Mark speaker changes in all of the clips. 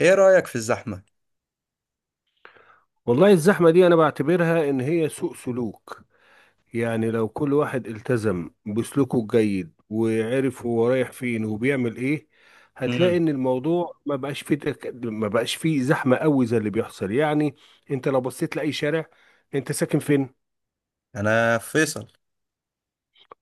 Speaker 1: ايه رأيك في الزحمة؟
Speaker 2: والله الزحمة دي أنا بعتبرها إن هي سوء سلوك. يعني لو كل واحد التزم بسلوكه الجيد وعرف هو رايح فين وبيعمل إيه، هتلاقي
Speaker 1: امم.
Speaker 2: إن الموضوع ما بقاش فيه ما بقاش فيه زحمة قوي زي اللي بيحصل يعني. أنت لو بصيت لأي شارع، أنت ساكن فين؟
Speaker 1: انا فيصل.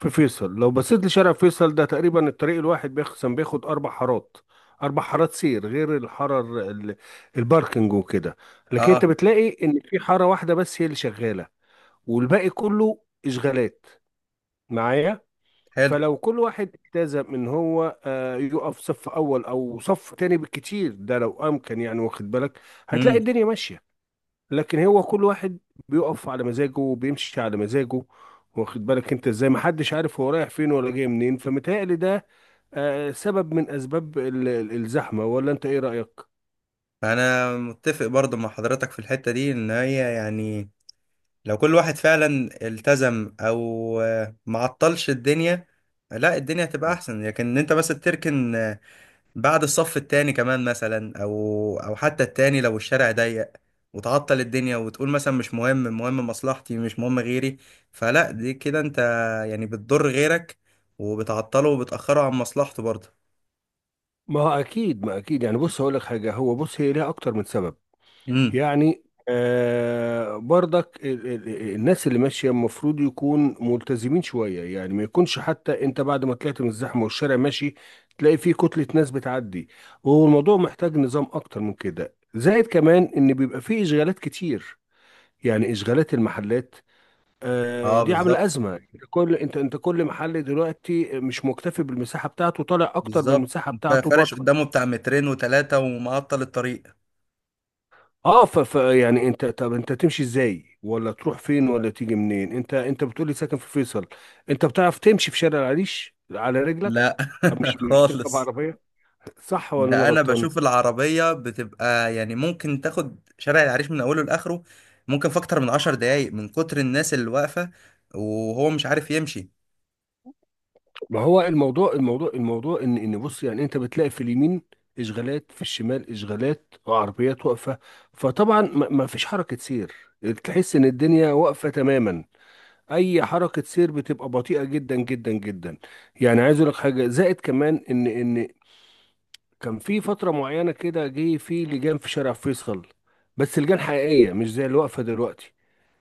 Speaker 2: في فيصل، لو بصيت لشارع فيصل ده تقريبا الطريق الواحد بيخصم بياخد 4 حارات، 4 حارات سير غير الباركنج وكده. لكن أنت
Speaker 1: اه.
Speaker 2: بتلاقي إن في حارة واحدة بس هي اللي شغالة، والباقي كله اشغالات معايا.
Speaker 1: حلو.
Speaker 2: فلو كل واحد التزم ان هو يقف صف اول او صف تاني بالكتير، ده لو امكن يعني، واخد بالك، هتلاقي
Speaker 1: امم.
Speaker 2: الدنيا ماشيه. لكن هو كل واحد بيقف على مزاجه وبيمشي على مزاجه، واخد بالك انت ازاي، محدش عارف هو رايح فين ولا جاي منين، فمتهيألي ده سبب من اسباب الزحمه، ولا انت ايه رايك؟
Speaker 1: انا متفق برضو مع حضرتك في الحتة دي ان هي يعني لو كل واحد فعلا التزم او معطلش الدنيا، لا، الدنيا هتبقى
Speaker 2: مم.
Speaker 1: احسن، لكن إن انت مثلا تركن بعد الصف التاني كمان مثلا او حتى التاني لو الشارع ضيق وتعطل الدنيا وتقول مثلا مش مهم، مهم مصلحتي، مش مهم غيري، فلا دي كده انت يعني بتضر غيرك وبتعطله وبتأخره عن مصلحته برضه.
Speaker 2: ما هو اكيد، ما اكيد، يعني بص هقول لك حاجه، هو بص هي ليها اكتر من سبب
Speaker 1: امم.
Speaker 2: يعني. آه برضك الناس اللي ماشية المفروض يكون ملتزمين شوية، يعني ما يكونش حتى انت بعد ما طلعت من الزحمة والشارع ماشي تلاقي فيه كتلة ناس بتعدي، وهو الموضوع محتاج نظام اكتر من كده، زائد كمان ان بيبقى فيه اشغالات كتير، يعني اشغالات المحلات، آه
Speaker 1: اه،
Speaker 2: دي عاملة
Speaker 1: بالظبط.
Speaker 2: ازمة. كل انت انت كل محل دلوقتي مش مكتفي بالمساحة بتاعته، طالع اكتر من
Speaker 1: بالظبط،
Speaker 2: المساحة
Speaker 1: انت
Speaker 2: بتاعته
Speaker 1: فرش
Speaker 2: بره.
Speaker 1: قدامه بتاع 2 متر وتلاتة ومعطل الطريق.
Speaker 2: اه يعني انت، طب انت تمشي ازاي ولا تروح فين ولا تيجي منين؟ انت انت بتقولي ساكن في فيصل، انت بتعرف تمشي في شارع العريش على رجلك؟
Speaker 1: لا.
Speaker 2: مش مش تركب
Speaker 1: خالص.
Speaker 2: عربيه، صح ولا انا
Speaker 1: ده انا
Speaker 2: غلطان؟
Speaker 1: بشوف العربية بتبقى يعني ممكن تاخد شارع العريش من اوله لاخره، ممكن في اكتر من 10 دقايق من كتر الناس اللي واقفة وهو مش عارف يمشي.
Speaker 2: ما هو الموضوع ان ان بص، يعني انت بتلاقي في اليمين اشغالات، في الشمال اشغالات وعربيات واقفه، فطبعا ما فيش حركه سير، تحس ان الدنيا واقفه تماما، اي حركه سير بتبقى بطيئه جدا جدا جدا. يعني عايز اقول لك حاجه، زائد كمان ان كان في فترة معينة كده جه في لجان في شارع فيصل، بس لجان حقيقية مش زي اللي واقفة دلوقتي،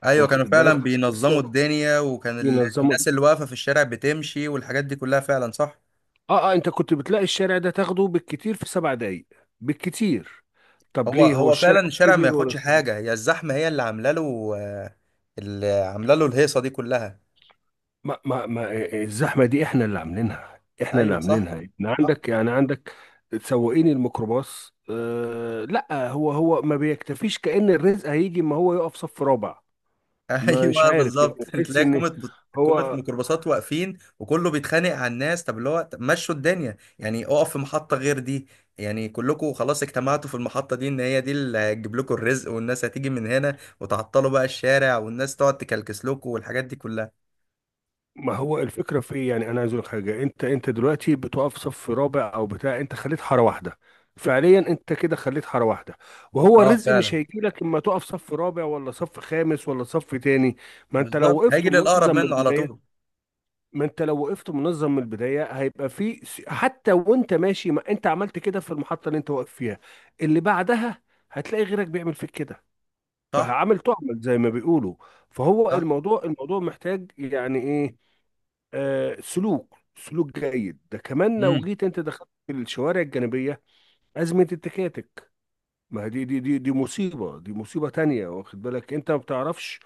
Speaker 1: ايوه،
Speaker 2: واخد
Speaker 1: كانوا فعلا
Speaker 2: بالك،
Speaker 1: بينظموا
Speaker 2: لسه
Speaker 1: الدنيا وكان
Speaker 2: بينظموا.
Speaker 1: الناس اللي واقفة في الشارع بتمشي والحاجات دي كلها فعلا صح.
Speaker 2: اه اه، انت كنت بتلاقي الشارع ده تاخده بالكتير في 7 دقايق، بالكتير. طب
Speaker 1: هو
Speaker 2: ليه، هو
Speaker 1: هو فعلا
Speaker 2: الشارع
Speaker 1: الشارع ما
Speaker 2: كبير ولا
Speaker 1: ياخدش
Speaker 2: صغير؟
Speaker 1: حاجة، هي الزحمة هي اللي عاملة له اللي عاملة له الهيصة دي كلها.
Speaker 2: ما ما ما الزحمة دي احنا اللي عاملينها، احنا اللي
Speaker 1: ايوه صح
Speaker 2: عاملينها، يعني
Speaker 1: صح.
Speaker 2: عندك يعني عندك سواقين الميكروباص، آه لا، هو ما بيكتفيش، كأن الرزق هيجي ما هو يقف صف رابع، مش
Speaker 1: ايوه
Speaker 2: عارف، يعني
Speaker 1: بالظبط.
Speaker 2: تحس
Speaker 1: تلاقي
Speaker 2: ان
Speaker 1: كومة، كومة
Speaker 2: هو.
Speaker 1: ميكروباصات واقفين وكله بيتخانق على الناس، طب اللي هو طب مشوا الدنيا، يعني اقف في محطة غير دي، يعني كلكم خلاص اجتمعتوا في المحطة دي ان هي دي اللي هتجيب لكم الرزق والناس هتيجي من هنا وتعطلوا بقى الشارع والناس تقعد تكلكس لكم والحاجات دي كلها.
Speaker 2: ما هو الفكره في إيه؟ يعني انا عايز اقول لك حاجه، انت انت دلوقتي بتقف صف رابع او بتاع، انت خليت حاره واحده، فعليا انت كده خليت حاره واحده، وهو
Speaker 1: اه،
Speaker 2: الرزق مش
Speaker 1: فعلا.
Speaker 2: هيجي لك اما تقف صف رابع ولا صف خامس ولا صف تاني. ما انت لو
Speaker 1: بالظبط،
Speaker 2: وقفت
Speaker 1: هيجي للأقرب
Speaker 2: منظم من
Speaker 1: منه على طول.
Speaker 2: البدايه ما انت لو وقفت منظم من البدايه هيبقى في حتى وانت ماشي، ما انت عملت كده في المحطه اللي انت واقف فيها، اللي بعدها هتلاقي غيرك بيعمل فيك كده،
Speaker 1: صح.
Speaker 2: فعامل تعمل زي ما بيقولوا. فهو
Speaker 1: صح.
Speaker 2: الموضوع محتاج يعني ايه، سلوك سلوك جيد. ده كمان لو
Speaker 1: امم.
Speaker 2: جيت انت دخلت في الشوارع الجانبيه، ازمه التكاتك، ما هي دي مصيبه، دي مصيبه تانية، واخد بالك، انت ما بتعرفش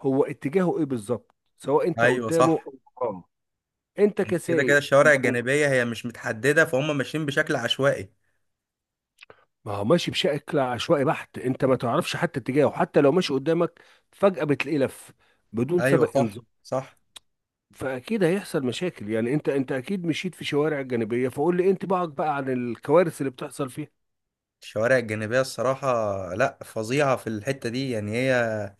Speaker 2: هو اتجاهه ايه بالظبط، سواء انت
Speaker 1: ايوه
Speaker 2: قدامه
Speaker 1: صح.
Speaker 2: او وراه، انت
Speaker 1: كده كده
Speaker 2: كسايق
Speaker 1: الشوارع
Speaker 2: لو.
Speaker 1: الجانبية هي مش متحددة فهم ماشيين بشكل عشوائي.
Speaker 2: ما هو ماشي بشكل عشوائي بحت، انت ما تعرفش حتى اتجاهه حتى لو ماشي قدامك، فجاه بتلاقيه لف بدون
Speaker 1: ايوه
Speaker 2: سابق
Speaker 1: صح
Speaker 2: انذار.
Speaker 1: صح.
Speaker 2: فاكيد هيحصل مشاكل يعني، انت انت اكيد مشيت في شوارع جانبيه، فقول لي انت بقى عن الكوارث اللي بتحصل فيها.
Speaker 1: الشوارع الجانبية، الصراحة، لا، فظيعة في الحتة دي، يعني هي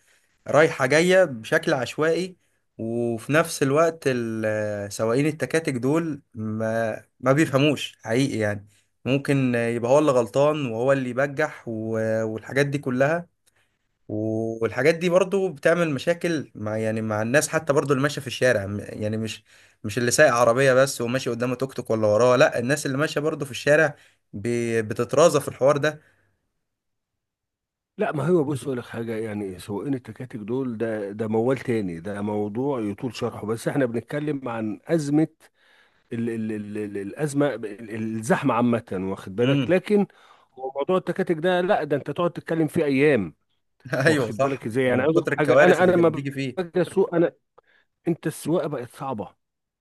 Speaker 1: رايحة جاية بشكل عشوائي، وفي نفس الوقت سواقين التكاتك دول ما بيفهموش حقيقي، يعني ممكن يبقى هو اللي غلطان وهو اللي يبجح والحاجات دي كلها. والحاجات دي برضو بتعمل مشاكل مع يعني مع الناس، حتى برضو اللي ماشية في الشارع، يعني مش، اللي سايق عربية بس وماشي قدامه توك توك ولا وراه، لا، الناس اللي ماشية برضو في الشارع بتترازف في الحوار ده.
Speaker 2: لا ما هو بص اقول لك حاجه، يعني سواقين التكاتك دول ده موال تاني، ده موضوع يطول شرحه، بس احنا بنتكلم عن ازمه، ال ال ال ال الازمه الزحمه عامه، واخد بالك،
Speaker 1: امم.
Speaker 2: لكن هو موضوع التكاتك ده لا، ده انت تقعد تتكلم فيه ايام،
Speaker 1: ايوه
Speaker 2: واخد
Speaker 1: صح.
Speaker 2: بالك ازاي، يعني
Speaker 1: من
Speaker 2: عاوز أقول
Speaker 1: كتر
Speaker 2: لك حاجه،
Speaker 1: الكوارث
Speaker 2: انا
Speaker 1: اللي
Speaker 2: لما
Speaker 1: كانت بتيجي فيه.
Speaker 2: باجي اسوق انا، انت السواقه بقت صعبه،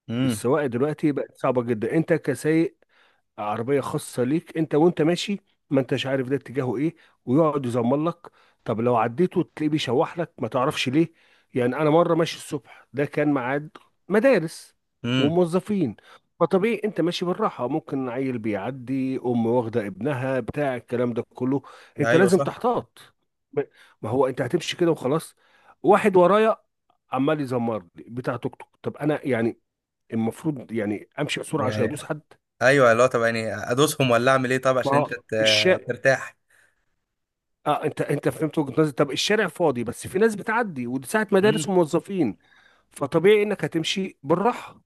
Speaker 1: امم.
Speaker 2: السواقه دلوقتي بقت صعبه جدا، انت كسايق عربية خاصة ليك انت، وانت ماشي ما انتش عارف ده اتجاهه ايه، ويقعد يزمر لك، طب لو عديته تلاقيه بيشوح لك، ما تعرفش ليه. يعني انا مرة ماشي الصبح، ده كان ميعاد مدارس
Speaker 1: امم.
Speaker 2: وموظفين، فطبيعي انت ماشي بالراحة، ممكن عيل بيعدي، ام واخدة ابنها، بتاع الكلام ده كله،
Speaker 1: ده
Speaker 2: انت
Speaker 1: ايوه
Speaker 2: لازم
Speaker 1: صح.
Speaker 2: تحتاط. ما ما هو انت هتمشي كده وخلاص، واحد ورايا عمال يزمر لي، بتاع توك توك، طب انا يعني المفروض يعني امشي بسرعة عشان
Speaker 1: يعني
Speaker 2: يدوس حد؟
Speaker 1: ايوه اللي هو، طب يعني ادوسهم ولا اعمل ايه، طب
Speaker 2: ما
Speaker 1: عشان انت
Speaker 2: هو الشا
Speaker 1: ترتاح.
Speaker 2: اه، انت انت فهمت وجهة نظري، طب الشارع فاضي بس في ناس بتعدي، ودي ساعة
Speaker 1: امم.
Speaker 2: مدارس وموظفين، فطبيعي انك هتمشي بالراحة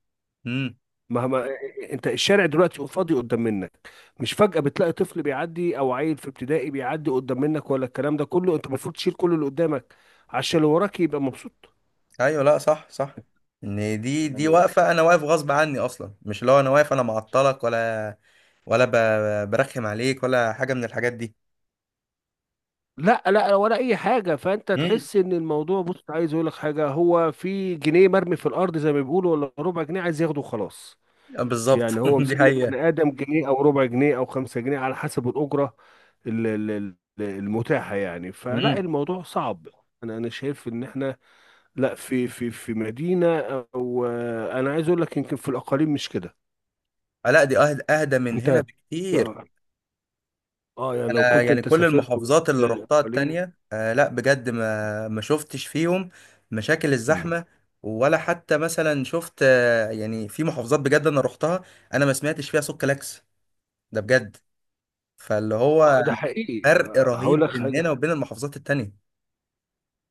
Speaker 1: امم.
Speaker 2: مهما. انت الشارع دلوقتي فاضي قدام منك، مش فجأة بتلاقي طفل بيعدي او عيل في ابتدائي بيعدي قدام منك ولا الكلام ده كله، انت المفروض تشيل كل اللي قدامك عشان اللي وراك يبقى مبسوط
Speaker 1: ايوه، لا صح صح. ان دي
Speaker 2: يعني.
Speaker 1: واقفه، انا واقف غصب عني اصلا، مش اللي هو انا واقف انا معطلك، ولا ولا برخم عليك، ولا حاجه من الحاجات دي.
Speaker 2: لا لا ولا اي حاجة، فانت
Speaker 1: امم.
Speaker 2: تحس ان الموضوع بص، عايز اقول لك حاجة، هو في جنيه مرمي في الارض زي ما بيقولوا، ولا ربع جنيه عايز ياخده وخلاص.
Speaker 1: بالظبط.
Speaker 2: يعني هو
Speaker 1: دي
Speaker 2: مسمي
Speaker 1: حقيقه.
Speaker 2: البني آدم جنيه أو ربع جنيه أو 5 جنيه على حسب الأجرة المتاحة يعني، فلا
Speaker 1: امم.
Speaker 2: الموضوع صعب. أنا شايف إن إحنا لا في في مدينة، أو أنا عايز أقول لك يمكن في الأقاليم مش كده،
Speaker 1: لا، دي اهدى اهدى من
Speaker 2: أنت
Speaker 1: هنا
Speaker 2: آه
Speaker 1: بكتير.
Speaker 2: يعني لو
Speaker 1: انا
Speaker 2: كنت
Speaker 1: يعني
Speaker 2: أنت
Speaker 1: كل
Speaker 2: سافرت وقت
Speaker 1: المحافظات اللي رحتها
Speaker 2: الأقاليم.
Speaker 1: التانية، لا بجد، ما شفتش فيهم مشاكل
Speaker 2: مم.
Speaker 1: الزحمة، ولا حتى مثلا شفت، يعني في محافظات بجد انا رحتها، انا ما سمعتش فيها صوت كلاكس، ده بجد، فاللي هو
Speaker 2: آه ده حقيقي،
Speaker 1: فرق
Speaker 2: هقول لك
Speaker 1: رهيب بين
Speaker 2: حاجة،
Speaker 1: هنا وبين المحافظات التانية.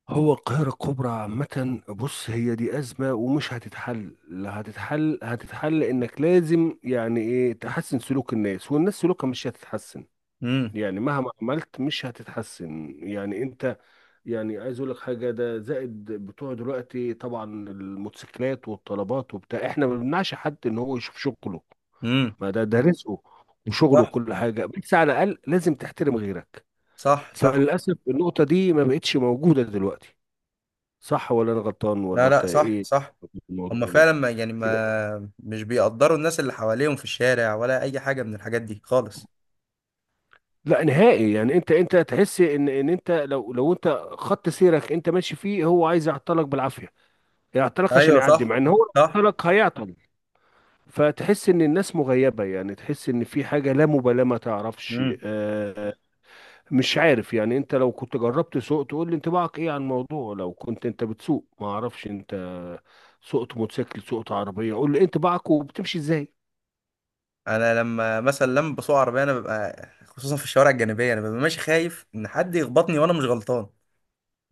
Speaker 2: هو القاهرة الكبرى عامة، بص هي دي أزمة ومش هتتحل، لا هتتحل، هتتحل إنك لازم يعني إيه، تحسن سلوك الناس، والناس سلوكها مش هتتحسن،
Speaker 1: امم.
Speaker 2: يعني مهما عملت مش هتتحسن يعني أنت. يعني عايز أقول لك حاجة، ده زائد بتوع دلوقتي طبعا، الموتوسيكلات والطلبات وبتاع، إحنا ما بنمنعش حد إن هو يشوف شغله،
Speaker 1: امم.
Speaker 2: ما ده رزقه وشغله
Speaker 1: صح.
Speaker 2: وكل حاجة، بس على الأقل لازم تحترم غيرك،
Speaker 1: صح صح.
Speaker 2: فللأسف النقطة دي ما بقتش موجودة دلوقتي، صح ولا انا غلطان، ولا
Speaker 1: لا
Speaker 2: انت
Speaker 1: لا صح
Speaker 2: ايه
Speaker 1: صح.
Speaker 2: في الموضوع
Speaker 1: هما
Speaker 2: يعني؟
Speaker 1: فعلا ما يعني ما مش بيقدروا الناس اللي حواليهم في الشارع ولا اي حاجة من الحاجات دي خالص.
Speaker 2: لا نهائي، يعني انت انت تحس ان ان انت لو انت خط سيرك انت ماشي فيه، هو عايز يعطلك بالعافيه، يعطلك عشان
Speaker 1: ايوه
Speaker 2: يعدي،
Speaker 1: صح
Speaker 2: مع ان هو لو
Speaker 1: صح.
Speaker 2: عطلك هيعطل، فتحس ان الناس مغيبه، يعني تحس ان في حاجه لا مبالاه، ما تعرفش
Speaker 1: مم.
Speaker 2: مش عارف. يعني انت لو كنت جربت سوق تقول لي انطباعك ايه عن الموضوع، لو كنت انت بتسوق، ما اعرفش انت سوقت موتوسيكل سوقت عربيه، قول لي ايه انطباعك وبتمشي ازاي.
Speaker 1: انا لما بسوق عربيه انا ببقى، خصوصا في الشوارع الجانبيه، انا ببقى ماشي خايف ان حد يخبطني وانا مش غلطان،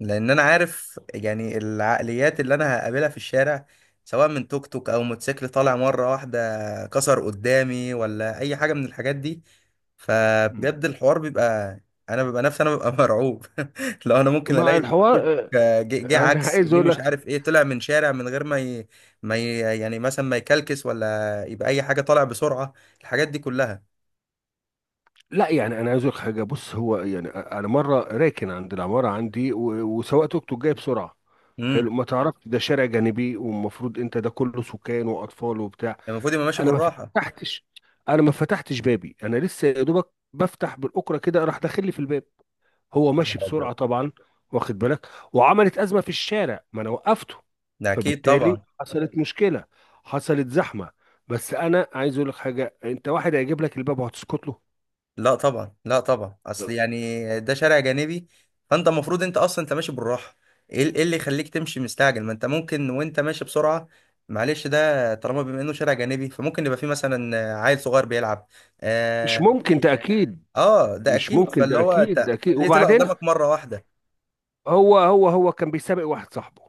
Speaker 1: لان انا عارف يعني العقليات اللي انا هقابلها في الشارع، سواء من توك توك او موتوسيكل طالع مره واحده كسر قدامي ولا اي حاجه من الحاجات دي،
Speaker 2: مم.
Speaker 1: فبجد الحوار بيبقى، انا ببقى نفسي، انا ببقى مرعوب. لو انا ممكن
Speaker 2: مع
Speaker 1: الاقي توك توك،
Speaker 2: الحوار آه،
Speaker 1: جه
Speaker 2: انا
Speaker 1: عكس،
Speaker 2: عايز
Speaker 1: جه
Speaker 2: اقول
Speaker 1: مش
Speaker 2: لك،
Speaker 1: عارف ايه، طلع من شارع من غير ما ي... ما ي... يعني مثلا ما يكلكس ولا يبقى اي حاجه، طالع بسرعه، الحاجات دي كلها.
Speaker 2: لا يعني انا عايز اقول لك حاجه، بص هو يعني انا مره راكن عند العماره عندي وسواق توك توك جاي بسرعه،
Speaker 1: امم.
Speaker 2: حلو، ما تعرفش ده شارع جانبي، والمفروض انت ده كله سكان واطفال وبتاع.
Speaker 1: المفروض يبقى ماشي
Speaker 2: انا ما
Speaker 1: بالراحه.
Speaker 2: فتحتش انا ما فتحتش بابي، انا لسه يا دوبك بفتح بالاكره كده، راح داخل لي في الباب، هو
Speaker 1: يا
Speaker 2: ماشي
Speaker 1: نهار ابيض.
Speaker 2: بسرعه طبعا، واخد بالك، وعملت ازمه في الشارع ما انا وقفته،
Speaker 1: ده اكيد
Speaker 2: فبالتالي
Speaker 1: طبعا.
Speaker 2: حصلت مشكله، حصلت زحمه. بس انا عايز اقول لك حاجه، انت واحد هيجيب لك الباب وهتسكت له؟
Speaker 1: لا طبعا لا طبعا، اصل يعني ده شارع جانبي، فانت المفروض انت اصلا انت ماشي بالراحه. إيه اللي يخليك تمشي مستعجل، ما انت ممكن وانت ماشي بسرعه، معلش، ده طالما بما انه شارع جانبي فممكن يبقى فيه مثلا عيل صغير بيلعب.
Speaker 2: مش
Speaker 1: اه.
Speaker 2: ممكن ده اكيد،
Speaker 1: آه، ده
Speaker 2: مش
Speaker 1: اكيد،
Speaker 2: ممكن
Speaker 1: فاللي
Speaker 2: ده
Speaker 1: هو
Speaker 2: اكيد،
Speaker 1: انت
Speaker 2: ده اكيد،
Speaker 1: ليه طلع
Speaker 2: وبعدين
Speaker 1: قدامك مره واحده
Speaker 2: هو كان بيسابق واحد صاحبه،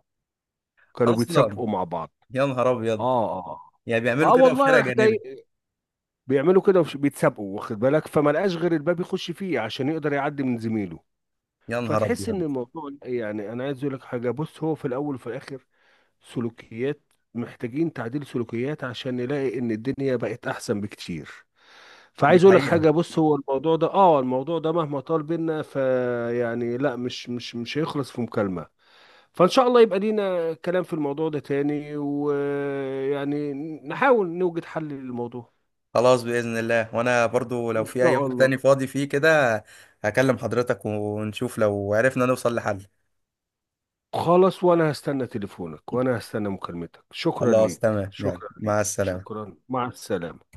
Speaker 2: كانوا
Speaker 1: اصلا.
Speaker 2: بيتسابقوا مع بعض.
Speaker 1: يا نهار ابيض.
Speaker 2: اه اه
Speaker 1: يعني
Speaker 2: اه
Speaker 1: بيعملوا كده في
Speaker 2: والله
Speaker 1: شارع
Speaker 2: راح جاي،
Speaker 1: جانبي.
Speaker 2: بيعملوا كده بيتسابقوا، واخد بالك، فما لقاش غير الباب يخش فيه عشان يقدر يعدي من زميله.
Speaker 1: يا نهار
Speaker 2: فتحس ان
Speaker 1: ابيض.
Speaker 2: الموضوع يعني، انا عايز اقول لك حاجه، بص هو في الاول وفي الاخر سلوكيات، محتاجين تعديل سلوكيات عشان نلاقي ان الدنيا بقت احسن بكتير.
Speaker 1: دي
Speaker 2: فعايز اقول لك
Speaker 1: حقيقه.
Speaker 2: حاجه، بص هو الموضوع ده، اه الموضوع ده مهما طال بينا، فيعني لا مش هيخلص في مكالمه. فان شاء الله يبقى لينا كلام في الموضوع ده تاني، ويعني نحاول نوجد حل للموضوع،
Speaker 1: خلاص، بإذن الله، وأنا برضو لو
Speaker 2: ان
Speaker 1: في أي
Speaker 2: شاء
Speaker 1: وقت
Speaker 2: الله.
Speaker 1: تاني فاضي فيه كده هكلم حضرتك ونشوف لو عرفنا نوصل لحل.
Speaker 2: خلاص، وانا هستنى تليفونك، وانا هستنى مكالمتك، شكرا
Speaker 1: خلاص
Speaker 2: ليك،
Speaker 1: تمام، يلا،
Speaker 2: شكرا
Speaker 1: مع
Speaker 2: ليك،
Speaker 1: السلامة.
Speaker 2: شكرا، مع السلامه.